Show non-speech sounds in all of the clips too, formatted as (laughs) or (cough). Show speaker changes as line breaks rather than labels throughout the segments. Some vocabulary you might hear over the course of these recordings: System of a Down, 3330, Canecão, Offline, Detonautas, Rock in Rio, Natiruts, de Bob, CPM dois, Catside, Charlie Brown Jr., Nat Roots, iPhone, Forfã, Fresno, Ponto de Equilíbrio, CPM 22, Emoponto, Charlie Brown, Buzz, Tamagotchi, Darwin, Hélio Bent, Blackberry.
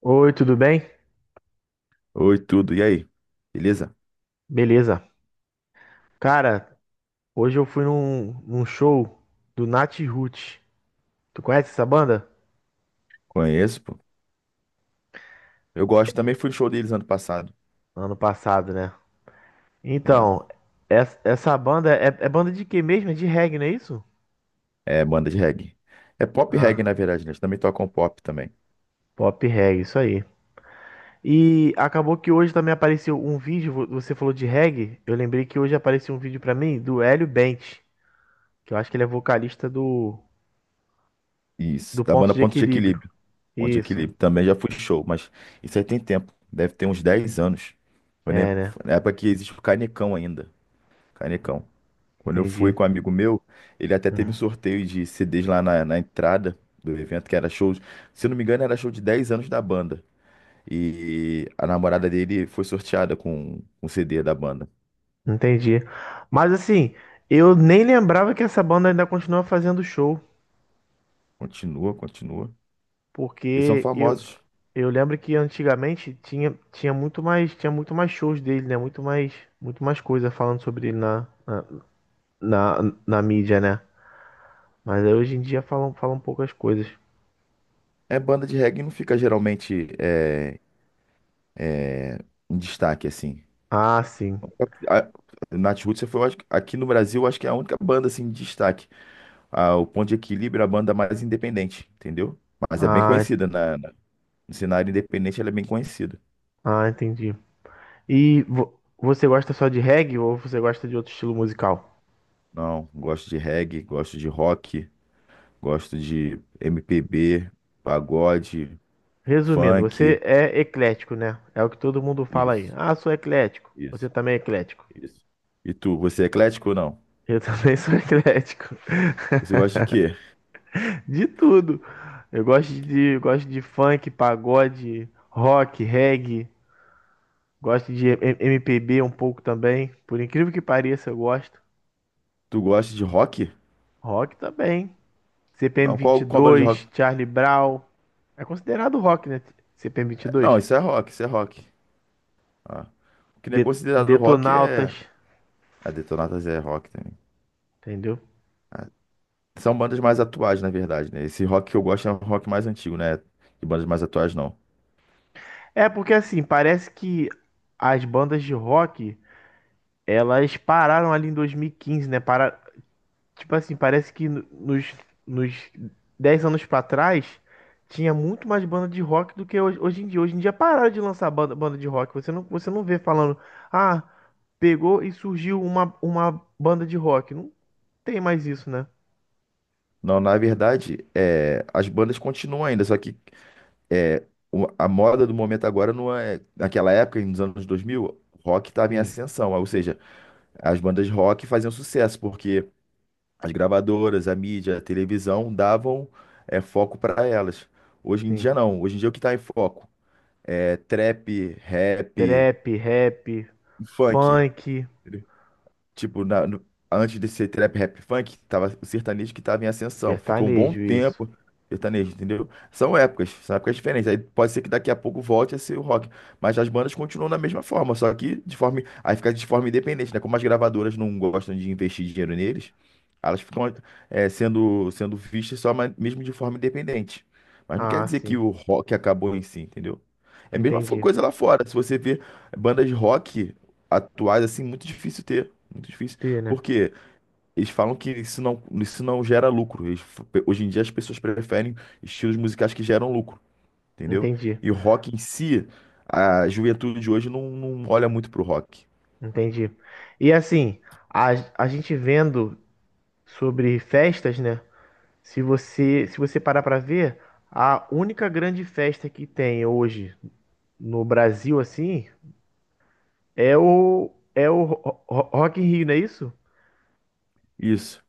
Oi, tudo bem?
Oi, tudo. E aí? Beleza?
Beleza. Cara, hoje eu fui num show do Nat Roots. Tu conhece essa banda?
Conheço, pô. Eu gosto, também fui no show deles ano passado.
Ano passado, né?
É,
Então, essa banda é banda de quê mesmo? É de reggae, não é isso?
é banda de reggae. É pop reggae,
Ah,
na verdade, né? Eles também tocam pop também.
pop reggae, isso aí. E acabou que hoje também apareceu um vídeo, você falou de reggae, eu lembrei que hoje apareceu um vídeo pra mim do Hélio Bent, que eu acho que ele é vocalista do,
Isso,
do
da
Ponto
banda
de
Ponto de
Equilíbrio.
Equilíbrio. Ponto de
Isso,
Equilíbrio. Também já fui em show, mas isso aí tem tempo. Deve ter uns 10 anos. Foi na
é, né?
foi na época que existe o Canecão ainda. Canecão. Quando eu fui
Entendi.
com um amigo meu, ele até teve um sorteio de CDs lá na entrada do evento, que era show. Se eu não me engano, era show de 10 anos da banda. E a namorada dele foi sorteada com um CD da banda.
Entendi. Mas assim, eu nem lembrava que essa banda ainda continua fazendo show,
Continua, continua. Eles são
porque eu,
famosos.
eu lembro que antigamente tinha, tinha muito mais shows dele, né? Muito mais coisa falando sobre ele na, na mídia, né? Mas aí hoje em dia falam poucas coisas.
É banda de reggae, não fica geralmente em destaque, assim.
Ah, sim.
A, Natiruts foi, eu acho aqui no Brasil, eu acho que é a única banda, assim, de destaque. Ah, o Ponto de Equilíbrio é a banda mais independente, entendeu? Mas é bem
Ah,
conhecida. No cenário independente, ela é bem conhecida.
ah, entendi. E você gosta só de reggae ou você gosta de outro estilo musical?
Não, gosto de reggae, gosto de rock, gosto de MPB, pagode,
Resumindo,
funk.
você é eclético, né? É o que todo mundo fala aí.
Isso.
Ah, sou eclético. Você
Isso.
também é eclético.
Isso. E tu, você é eclético ou não?
Eu também sou (laughs) eclético.
Você gosta de quê?
De tudo.
De quê?
Eu gosto de funk, pagode, rock, reggae. Gosto de MPB um pouco também. Por incrível que pareça, eu gosto.
Tu gosta de rock?
Rock também. CPM
Não, qual banda de rock?
22, Charlie Brown. É considerado rock, né? CPM
É, não,
22.
isso é rock, isso é rock. Ah. O que não é considerado rock
Detonautas,
é. A Detonautas é rock também.
entendeu?
Ah, são bandas mais atuais, na verdade, né? Esse rock que eu gosto é um rock mais antigo, né? De bandas mais atuais, não.
É porque assim, parece que as bandas de rock elas pararam ali em 2015, né? Para... Tipo assim, parece que nos 10 anos pra trás tinha muito mais banda de rock do que hoje, hoje em dia. Hoje em dia pararam de lançar banda, banda de rock. Você você não vê falando, ah, pegou e surgiu uma banda de rock. Não tem mais isso, né?
Não, na verdade, as bandas continuam ainda, só que a moda do momento agora não é. Naquela época, nos anos 2000, rock estava em
Sim,
ascensão, ou seja, as bandas de rock faziam sucesso, porque as gravadoras, a mídia, a televisão davam foco para elas. Hoje em
sim.
dia não. Hoje em dia o que está em foco é trap, rap
Trap, rap,
e funk.
funk,
Tipo, antes de ser trap, rap, funk, tava o sertanejo que tava em ascensão. Ficou um bom
sertanejo, isso.
tempo sertanejo, entendeu? São épocas diferentes. Aí pode ser que daqui a pouco volte a ser o rock. Mas as bandas continuam da mesma forma, só que de forma, aí fica de forma independente, né? Como as gravadoras não gostam de investir dinheiro neles, elas ficam sendo vistas só mesmo de forma independente. Mas não quer
Ah,
dizer que
sim.
o rock acabou em si, entendeu? É a mesma
Entendi.
coisa lá fora. Se você vê bandas de rock atuais, assim, muito difícil ter. Muito difícil.
T, né?
Porque eles falam que isso não gera lucro. Hoje em dia as pessoas preferem estilos musicais que geram lucro, entendeu?
Entendi.
E o rock em si, a juventude de hoje não olha muito pro rock.
Entendi. E assim, a, a gente vendo sobre festas, né? Se você, se você parar pra ver, a única grande festa que tem hoje no Brasil, assim, é é o Rock in Rio, não é isso?
Isso.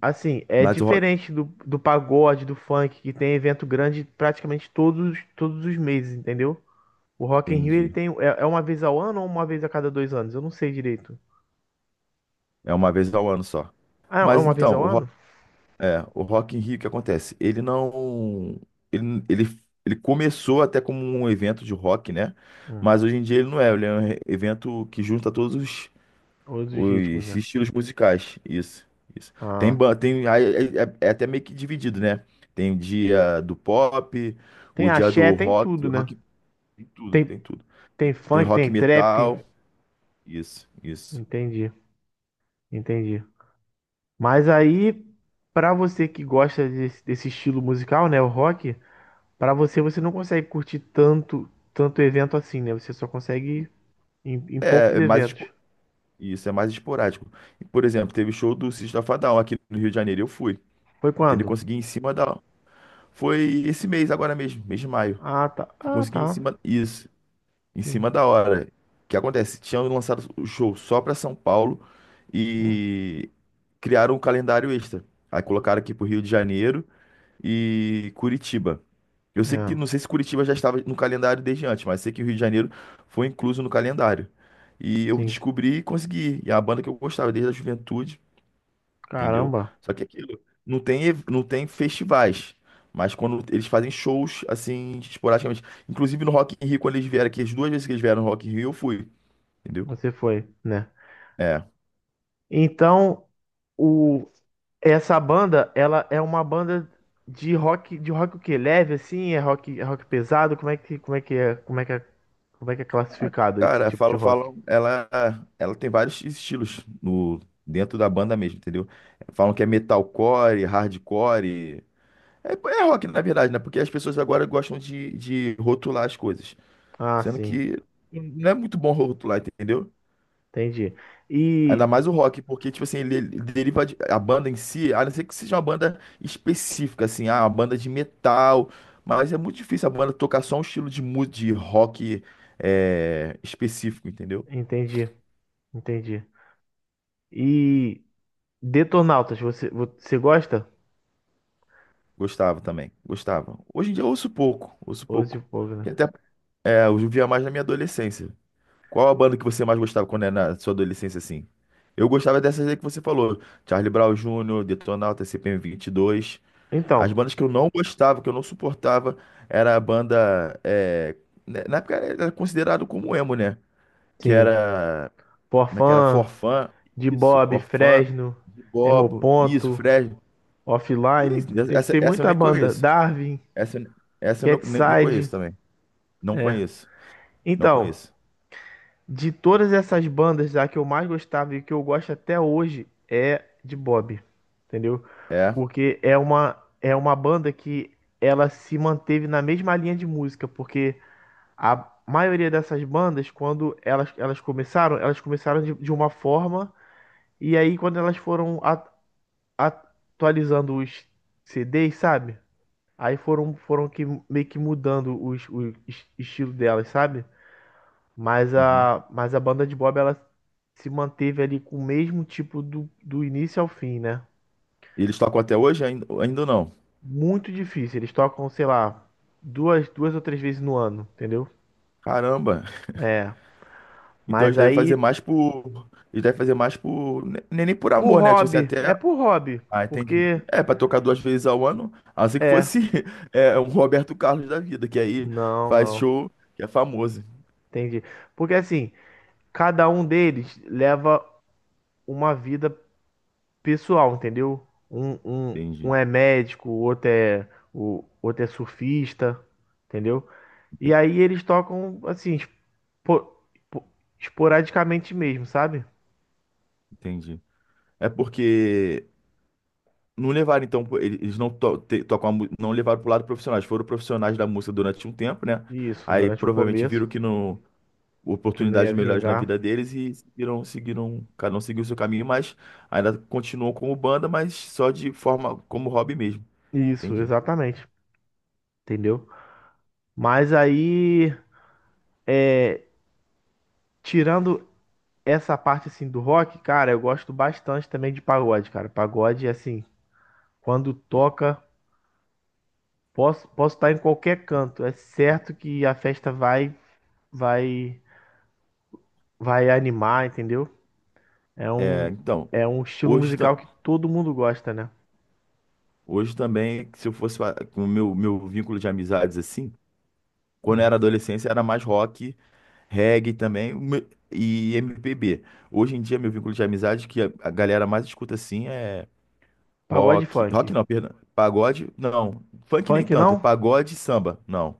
Assim, é
Mas o rock,
diferente do, do pagode, do funk, que tem evento grande praticamente todos os meses, entendeu? O Rock in Rio, ele
entendi.
tem, é, é uma vez ao ano ou uma vez a cada dois anos? Eu não sei direito.
É uma vez ao ano só.
Ah, é
Mas
uma vez
então,
ao
o rock,
ano?
o Rock in Rio, o que acontece? Ele não. Ele, ele, ele começou até como um evento de rock, né?
Hum.
Mas hoje em dia ele não é. Ele é um evento que junta todos
Os ritmos,
os
né?
estilos musicais, isso, isso. Tem,
Ah.
ba- tem aí é até meio que dividido, né? Tem o dia do pop,
Tem
o dia
axé,
do
tem
rock,
tudo, né?
rock, tem tudo,
Tem,
tem tudo.
tem
Tem
funk,
rock
tem trap.
metal, isso, isso.
Entendi, entendi. Mas aí, pra você que gosta desse, desse estilo musical, né, o rock, pra você não consegue curtir tanto evento assim, né? Você só consegue ir em, em
É,
poucos
é mais
eventos.
espo- isso é mais esporádico. Por exemplo, teve show do System of a Down aqui no Rio de Janeiro, eu fui.
Foi
Entendeu?
quando?
Consegui ir em cima da Foi esse mês agora mesmo, mês de maio.
Ah, tá. Ah,
Consegui ir em
tá.
cima isso. Em
Sim.
cima da hora. O que acontece? Tinham lançado o show só para São Paulo
Hum.
e criaram um calendário extra. Aí colocaram aqui pro Rio de Janeiro e Curitiba. Eu sei que,
É,
não sei se Curitiba já estava no calendário desde antes, mas sei que o Rio de Janeiro foi incluso no calendário. E eu
sim.
descobri e consegui. E é a banda que eu gostava desde a juventude, entendeu?
Caramba,
Só que aquilo, não tem festivais, mas quando eles fazem shows, assim, esporadicamente. Inclusive no Rock in Rio, quando eles vieram aqui, as duas vezes que eles vieram no Rock in Rio, eu fui, entendeu?
você foi, né?
É.
Então, o... Essa banda, ela é uma banda de rock o quê? Leve assim? É rock pesado? Como é que é, como é que é, como é que é classificado esse
Cara,
tipo de
falo,
rock?
falo, ela tem vários estilos no, dentro da banda mesmo, entendeu? Falam que é metalcore, hardcore. É rock, na verdade, né? Porque as pessoas agora gostam de rotular as coisas.
Ah,
Sendo
sim,
que não é muito bom rotular, entendeu?
entendi. E
Ainda mais o rock, porque, tipo assim, ele deriva a banda em si, a não ser que seja uma banda específica, assim, ah, uma banda de metal, mas é muito difícil a banda tocar só um estilo de rock específico, entendeu?
entendi, entendi. E Detonautas, você, você gosta?
Gostava também, gostava. Hoje em dia eu ouço pouco, ouço
Ou de
pouco.
fogo,
E
né?
até, eu via mais na minha adolescência. Qual a banda que você mais gostava quando era na sua adolescência, assim? Eu gostava dessas aí que você falou, Charlie Brown Jr., Detonautas, CPM dois. As
Então,
bandas que eu não gostava, que eu não suportava, era a banda, né, na época era considerado como emo, né? Que
sim.
era. Como é que era?
Porfã,
Forfã.
De
Isso,
Bob,
Forfã,
Fresno,
de Bobo, isso,
Emoponto,
Fred.
Offline,
Isso,
tem,
essa,
tem
essa eu
muita
nem
banda.
conheço.
Darwin,
Essa, eu- essa eu nem
Catside,
conheço também. Não
é.
conheço. Não
Então,
conheço.
de todas essas bandas, a que eu mais gostava e que eu gosto até hoje é de Bob, entendeu?
É.
Porque é é uma banda que ela se manteve na mesma linha de música, porque a maioria dessas bandas, quando elas começaram de uma forma, e aí quando elas foram atualizando os CDs, sabe? Aí foram que, meio que mudando o estilo delas, sabe?
Uhum.
Mas a banda de Bob, ela se manteve ali com o mesmo tipo do, do início ao fim, né?
E eles tocam até hoje? Ainda não.
Muito difícil. Eles tocam, sei lá, duas ou três vezes no ano, entendeu?
Caramba.
É.
Então eles
Mas
devem fazer
aí,
mais por. Eles devem fazer mais por. Nem por
por
amor, né? Tipo assim,
hobby.
até
É por hobby.
Ah, entendi.
Porque,
É, pra tocar duas vezes ao ano, assim que
é.
fosse (laughs) um Roberto Carlos da vida, que aí
Não,
faz
não.
show, que é famoso.
Entendi. Porque assim, cada um deles leva uma vida pessoal, entendeu? Um,
Entendi,
um é médico, o outro é surfista, entendeu? E
ente-
aí eles tocam, assim, espo- espo- esporadicamente mesmo, sabe?
entendi. É porque não levaram, então, pô, eles não tocam a não levaram pro lado profissionais, foram profissionais da música durante um tempo, né?
Isso,
Aí
durante o
provavelmente
começo,
viram que não
que não
oportunidades
ia
melhores na vida
vingar.
deles e seguiram, cada um seguiu o seu caminho, mas ainda continuam como banda, mas só de forma como hobby mesmo.
Isso,
Entendi.
exatamente. Entendeu? Mas aí, tirando essa parte, assim, do rock, cara, eu gosto bastante também de pagode, cara. Pagode, assim, quando toca, posso, posso estar em qualquer canto. É certo que a festa vai, vai animar, entendeu? É
É, então,
é um estilo
hoje.
musical que todo mundo gosta, né?
Hoje também, se eu fosse com o meu vínculo de amizades assim, quando eu
Hum.
era adolescência era mais rock, reggae também o e MPB. Hoje em dia, meu vínculo de amizades que a galera mais escuta assim é
Pagode e
rock.
funk.
Rock não, perdão. Pagode, não. Funk nem
Funk
tanto. É
não?
pagode e samba. Não.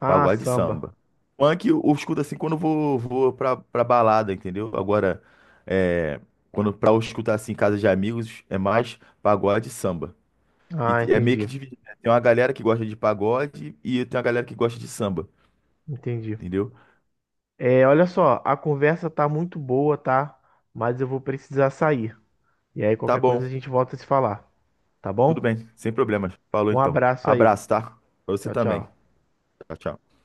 Ah,
Pagode e
samba.
samba. Funk eu escuto assim quando eu vou pra balada, entendeu? Agora, é, quando pra eu escutar assim em casa de amigos, é mais pagode e samba.
Ah,
E é meio que
entendi.
dividido, né? Tem uma galera que gosta de pagode e tem uma galera que gosta de samba,
Entendi.
entendeu?
É, olha só, a conversa tá muito boa, tá? Mas eu vou precisar sair. E aí,
Tá
qualquer coisa
bom,
a gente volta a se falar, tá
tudo
bom?
bem, sem problemas. Falou
Um
então.
abraço aí.
Abraço, tá? Pra você
Tchau,
também.
tchau.
Tchau, tchau.